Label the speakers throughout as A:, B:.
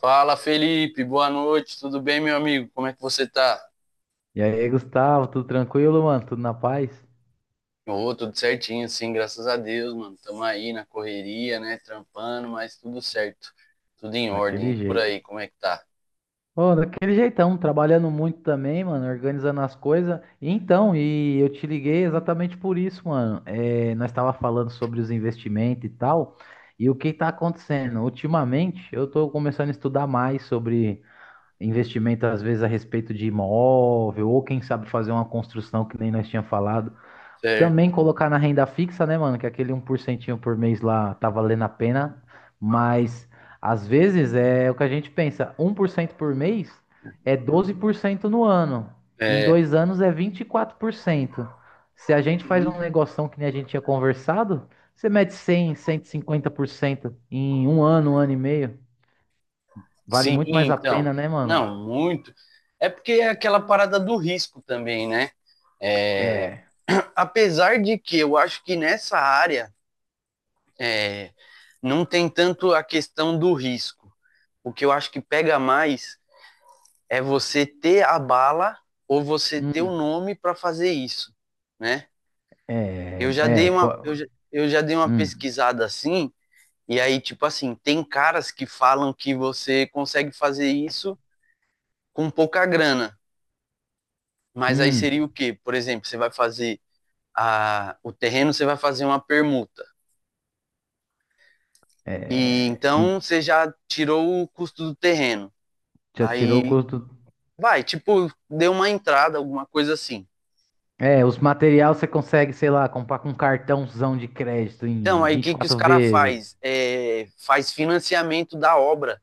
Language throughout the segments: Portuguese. A: Fala, Felipe. Boa noite. Tudo bem, meu amigo? Como é que você tá?
B: E aí, Gustavo, tudo tranquilo, mano? Tudo na paz?
A: Ô, tudo certinho, sim, graças a Deus, mano. Tamo aí na correria, né? Trampando, mas tudo certo. Tudo em ordem.
B: Daquele
A: E por
B: jeito.
A: aí, como é que tá?
B: Ô, daquele jeitão, trabalhando muito também, mano, organizando as coisas. Então, e eu te liguei exatamente por isso, mano. Nós estava falando sobre os investimentos e tal. E o que está acontecendo? Ultimamente, eu estou começando a estudar mais sobre investimento, às vezes, a respeito de imóvel, ou quem sabe fazer uma construção que nem nós tínhamos falado.
A: Certo.
B: Também colocar na renda fixa, né, mano? Que aquele 1% por mês lá tá valendo a pena. Mas às vezes é o que a gente pensa: 1% por mês é 12% no ano. Em
A: É.
B: 2 anos é 24%. Se a gente faz
A: Uhum.
B: um negoção que nem a gente tinha conversado, você mete 100, 150% em um ano e meio. Vale
A: Sim,
B: muito mais a
A: então.
B: pena, né, mano?
A: Não, muito. É porque é aquela parada do risco também, né? É,
B: É.
A: apesar de que eu acho que nessa área é, não tem tanto a questão do risco. O que eu acho que pega mais é você ter a bala ou você ter o
B: Hum.
A: nome para fazer isso, né?
B: É.
A: Eu já dei
B: É.
A: uma eu já, eu já dei uma
B: Hum.
A: pesquisada assim, e aí tipo assim, tem caras que falam que você consegue fazer isso com pouca grana, mas aí seria
B: Hum.
A: o quê? Por exemplo, você vai fazer a o terreno, você vai fazer uma permuta. E
B: É,
A: então você já tirou o custo do terreno.
B: já tirou o
A: Aí
B: custo?
A: vai, tipo, deu uma entrada, alguma coisa assim.
B: É, os materiais você consegue, sei lá, comprar com um cartãozão de crédito
A: Então,
B: em
A: aí o
B: vinte e
A: que, que os
B: quatro
A: caras
B: vezes.
A: faz? É, faz financiamento da obra.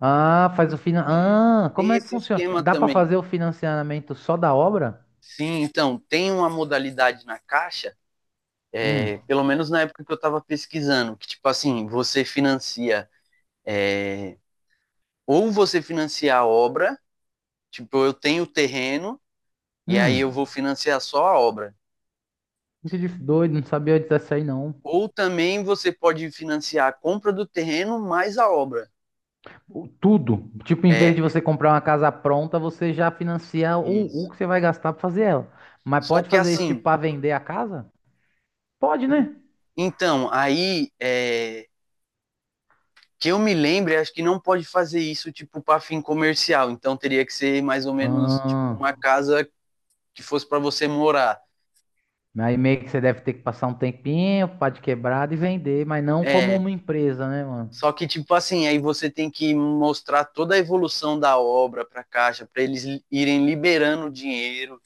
B: Ah, faz o finan...
A: É,
B: Ah, como
A: tem
B: é que
A: esse
B: funciona?
A: esquema
B: Dá pra
A: também.
B: fazer o financiamento só da obra?
A: Sim, então, tem uma modalidade na Caixa,
B: Hum,
A: pelo menos na época que eu estava pesquisando, que, tipo assim, você financia, é, ou você financia a obra, tipo, eu tenho o terreno e aí eu
B: hum.
A: vou financiar só a obra.
B: Doido, não sabia disso aí não.
A: Ou também você pode financiar a compra do terreno mais a obra.
B: Tudo. Tipo, em vez
A: É,
B: de você comprar uma casa pronta, você já financia o
A: isso.
B: que você vai gastar pra fazer ela. Mas
A: Só
B: pode
A: que
B: fazer isso, tipo,
A: assim,
B: pra vender a casa? Pode, né?
A: então, que eu me lembre, acho que não pode fazer isso tipo para fim comercial. Então teria que ser mais ou menos tipo,
B: Ah.
A: uma casa que fosse para você morar.
B: Aí meio que você deve ter que passar um tempinho, pá de quebrada e vender, mas não como
A: É,
B: uma empresa, né, mano?
A: só que tipo assim, aí você tem que mostrar toda a evolução da obra para a Caixa, para eles irem liberando o dinheiro.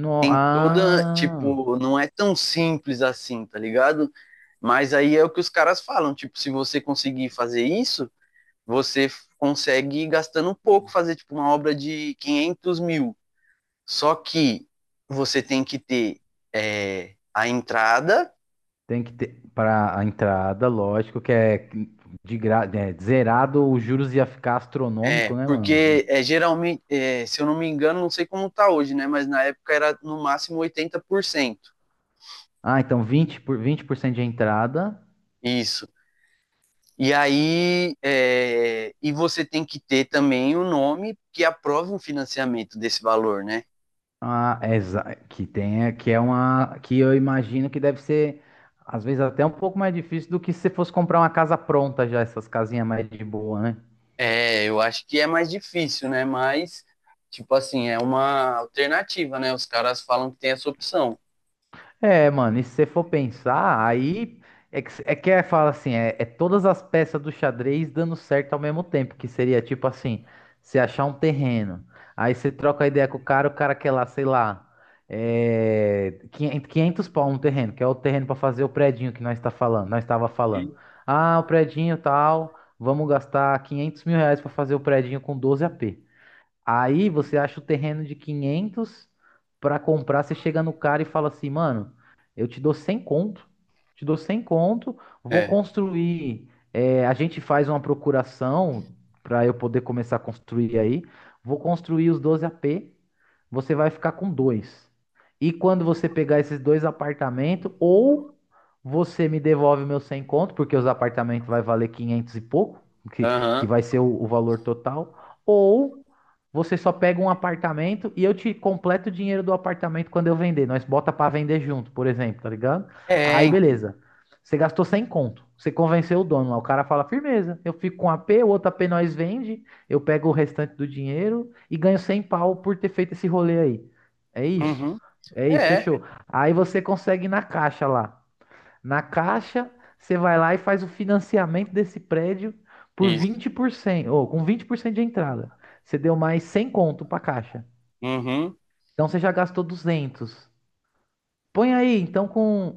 B: No,
A: Toda
B: ah,
A: tipo, não é tão simples assim, tá ligado? Mas aí é o que os caras falam, tipo, se você conseguir fazer isso, você consegue gastando um pouco fazer tipo uma obra de 500.000. Só que você tem que ter a entrada,
B: tem que ter para a entrada, lógico que é zerado, os juros ia ficar astronômico, né, mano?
A: geralmente, se eu não me engano, não sei como tá hoje, né? Mas na época era no máximo 80%.
B: Ah, então vinte por 20% de entrada,
A: Isso. E aí, e você tem que ter também o um nome que aprove um financiamento desse valor, né?
B: é que tem, que é uma que eu imagino que deve ser às vezes até um pouco mais difícil do que se você fosse comprar uma casa pronta já, essas casinhas mais de boa, né?
A: É, eu acho que é mais difícil, né? Mas, tipo assim, é uma alternativa, né? Os caras falam que tem essa opção.
B: É, mano, e se você for pensar, aí fala assim, é todas as peças do xadrez dando certo ao mesmo tempo, que seria tipo assim, você achar um terreno, aí você troca a ideia com o cara quer lá, sei lá, 500 pau um terreno, que é o terreno para fazer o predinho que nós estava falando. Ah, o predinho tal, vamos gastar 500 mil reais para fazer o predinho com 12 p. Aí você acha o terreno de 500 para comprar, você chega no cara e fala assim, mano, eu te dou 100 conto, te dou 100 conto, vou
A: É.
B: construir, a gente faz uma procuração para eu poder começar a construir aí, vou construir os 12 AP, você vai ficar com dois. E quando você pegar esses dois apartamentos, ou você me devolve meus 100 conto, porque os apartamentos vai valer 500 e pouco, que
A: Aham.
B: vai ser o valor total, ou você só pega um apartamento e eu te completo o dinheiro do apartamento quando eu vender. Nós bota pra vender junto, por exemplo, tá ligado?
A: É,
B: Aí
A: então.
B: beleza. Você gastou 100 conto. Você convenceu o dono lá. O cara fala, firmeza. Eu fico com um a P, o outro a P nós vende. Eu pego o restante do dinheiro e ganho 100 pau por ter feito esse rolê aí. É isso.
A: Uhum.
B: É isso,
A: É,
B: fechou. Aí você consegue ir na caixa lá. Na Caixa, você vai lá e faz o financiamento desse prédio por
A: isso.
B: 20% ou com 20% de entrada. Você deu mais 100 conto para a Caixa.
A: Uhum.
B: Então você já gastou 200. Põe aí, então com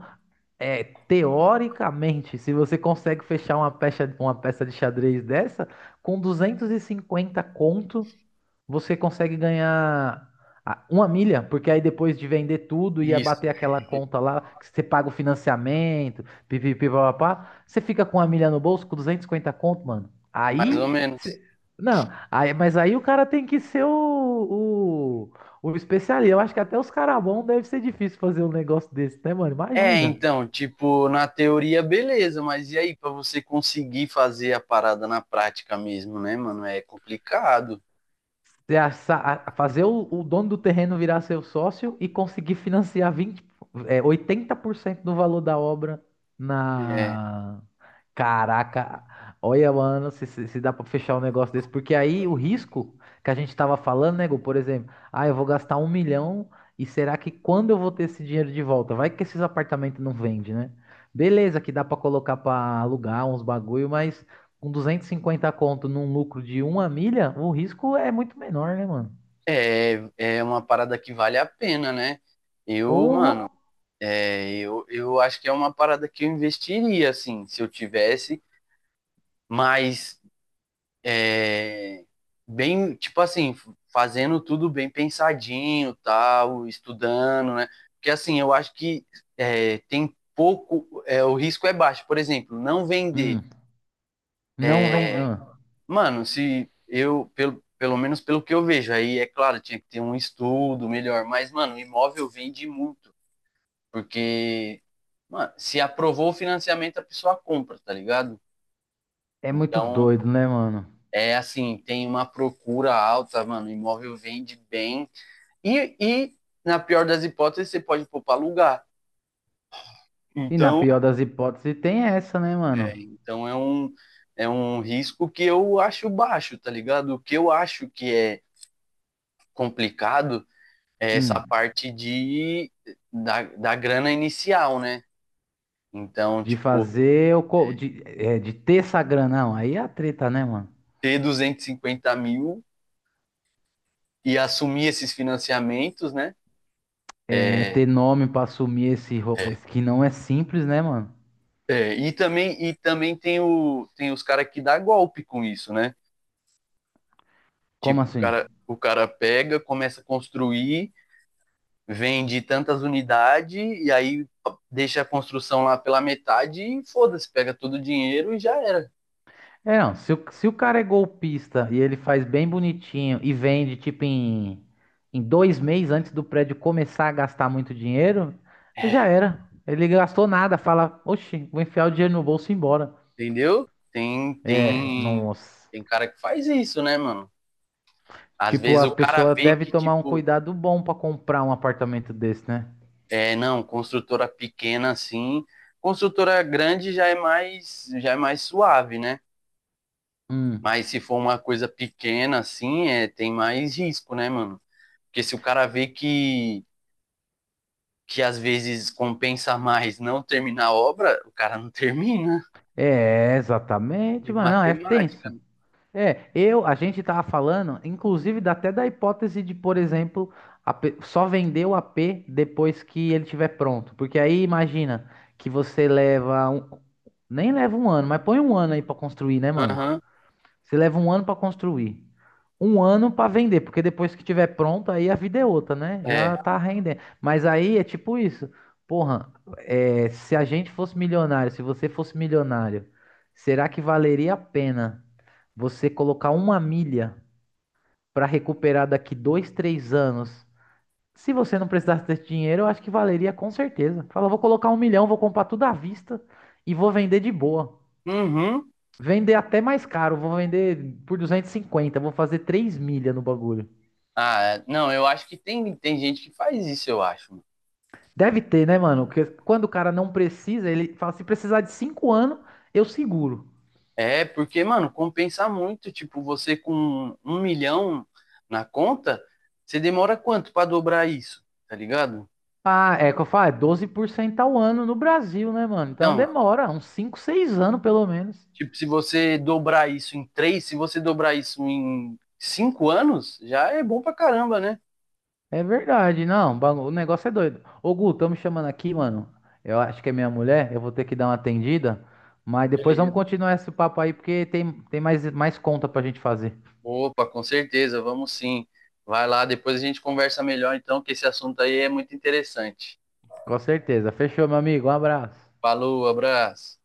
B: é, teoricamente, se você consegue fechar uma peça de xadrez dessa com 250 conto, você consegue ganhar uma milha, porque aí depois de vender tudo e
A: Isso.
B: abater aquela conta lá, que você paga o financiamento, pipipipapá, você fica com uma milha no bolso, com 250 conto, mano.
A: Mais ou menos.
B: Não, aí, mas aí o cara tem que ser o especialista. Eu acho que até os caras bons deve ser difícil fazer um negócio desse, né, mano?
A: É,
B: Imagina.
A: então, tipo, na teoria, beleza, mas e aí, pra você conseguir fazer a parada na prática mesmo, né, mano? É complicado.
B: ter essa- Fazer o dono do terreno virar seu sócio e conseguir financiar 20, 80% do valor da obra.
A: É,
B: Na. Caraca, olha, mano, se dá pra fechar um negócio desse, porque aí o risco que a gente tava falando, nego, por exemplo, ah, eu vou gastar 1 milhão e será que quando eu vou ter esse dinheiro de volta? Vai que esses apartamentos não vendem, né? Beleza, que dá pra colocar pra alugar uns bagulho, mas com 250 conto num lucro de uma milha, o risco é muito menor, né, mano?
A: é uma parada que vale a pena, né? Eu,
B: Porra!
A: mano, eu acho que é uma parada que eu investiria, assim, se eu tivesse, mas é, bem, tipo assim, fazendo tudo bem pensadinho, tal, estudando, né? Porque assim, eu acho que o risco é baixo. Por exemplo, não vender.
B: Hum, não vem.
A: É, mano, se eu, pelo, pelo menos pelo que eu vejo, aí é claro, tinha que ter um estudo melhor, mas, mano, imóvel vende muito, porque, mano, se aprovou o financiamento, a pessoa compra, tá ligado?
B: É muito
A: Então,
B: doido, né, mano?
A: é assim, tem uma procura alta, mano. O imóvel vende bem. E, e na pior das hipóteses, você pode pôr para alugar.
B: E na
A: Então,
B: pior das hipóteses tem essa, né,
A: é,
B: mano?
A: então é, um, é um risco que eu acho baixo, tá ligado? O que eu acho que é complicado é essa
B: Hum,
A: parte da grana inicial, né? Então,
B: de
A: tipo,
B: fazer o. co- De, é, de ter essa grana. Não, aí é a treta, né, mano?
A: ter 250.000 e assumir esses financiamentos, né?
B: É ter nome pra assumir esse, ro-
A: É.
B: esse que não é simples, né, mano?
A: É, e também tem os caras que dá golpe com isso, né?
B: Como
A: Tipo, o
B: assim?
A: cara, o cara pega, começa a construir, vende tantas unidades e aí deixa a construção lá pela metade e foda-se, pega todo o dinheiro e já era.
B: É, não, se o, se o cara é golpista e ele faz bem bonitinho e vende, tipo, em 2 meses antes do prédio começar a gastar muito dinheiro, aí já era. Ele gastou nada, fala, oxi, vou enfiar o dinheiro no bolso e ir embora.
A: Entendeu? Tem,
B: É,
A: tem,
B: nossa.
A: tem cara que faz isso, né, mano? Às
B: Tipo,
A: vezes
B: as
A: o cara
B: pessoas
A: vê
B: devem
A: que,
B: tomar um
A: tipo,
B: cuidado bom pra comprar um apartamento desse, né?
A: não, construtora pequena assim, construtora grande já é mais, suave, né? Mas
B: Hum.
A: se for uma coisa pequena assim, tem mais risco, né, mano? Porque se o cara vê que às vezes compensa mais não terminar a obra, o cara não termina.
B: É, exatamente, mano. Não, é
A: Matemática,
B: tenso.
A: né?
B: É, eu, a gente tava falando, inclusive, dá até da hipótese de, por exemplo, só vender o AP depois que ele tiver pronto. Porque aí imagina que você nem leva um ano, mas põe um ano aí pra construir, né, mano?
A: Aham.
B: Você leva um ano para construir, um ano para vender, porque depois que tiver pronto, aí a vida é outra, né?
A: É.
B: Já tá rendendo. Mas aí é tipo isso. Porra, se a gente fosse milionário, se você fosse milionário, será que valeria a pena você colocar uma milha para recuperar daqui 2, 3 anos? Se você não precisasse desse dinheiro, eu acho que valeria com certeza. Fala, vou colocar 1 milhão, vou comprar tudo à vista e vou vender de boa.
A: Uhum.
B: Vender até mais caro, vou vender por 250, vou fazer 3 milhas no bagulho.
A: Ah, não, eu acho que tem gente que faz isso, eu acho.
B: Deve ter, né, mano? Porque quando o cara não precisa, ele fala, se precisar de 5 anos, eu seguro.
A: É, porque, mano, compensa muito. Tipo, você com 1 milhão na conta, você demora quanto pra dobrar isso? Tá ligado?
B: Ah, é que eu falo, é 12% ao ano no Brasil, né, mano? Então
A: Então,
B: demora uns cinco, 6 anos pelo menos.
A: tipo, se você dobrar isso em três, se você dobrar isso em 5 anos, já é bom pra caramba, né?
B: É verdade, não, o negócio é doido. Ô, Gu, tão me chamando aqui, mano. Eu acho que é minha mulher, eu vou ter que dar uma atendida, mas depois vamos
A: Beleza.
B: continuar esse papo aí, porque tem mais conta pra gente fazer.
A: Opa, com certeza, vamos sim. Vai lá, depois a gente conversa melhor, então, que esse assunto aí é muito interessante.
B: Com certeza. Fechou, meu amigo. Um abraço.
A: Falou, abraço.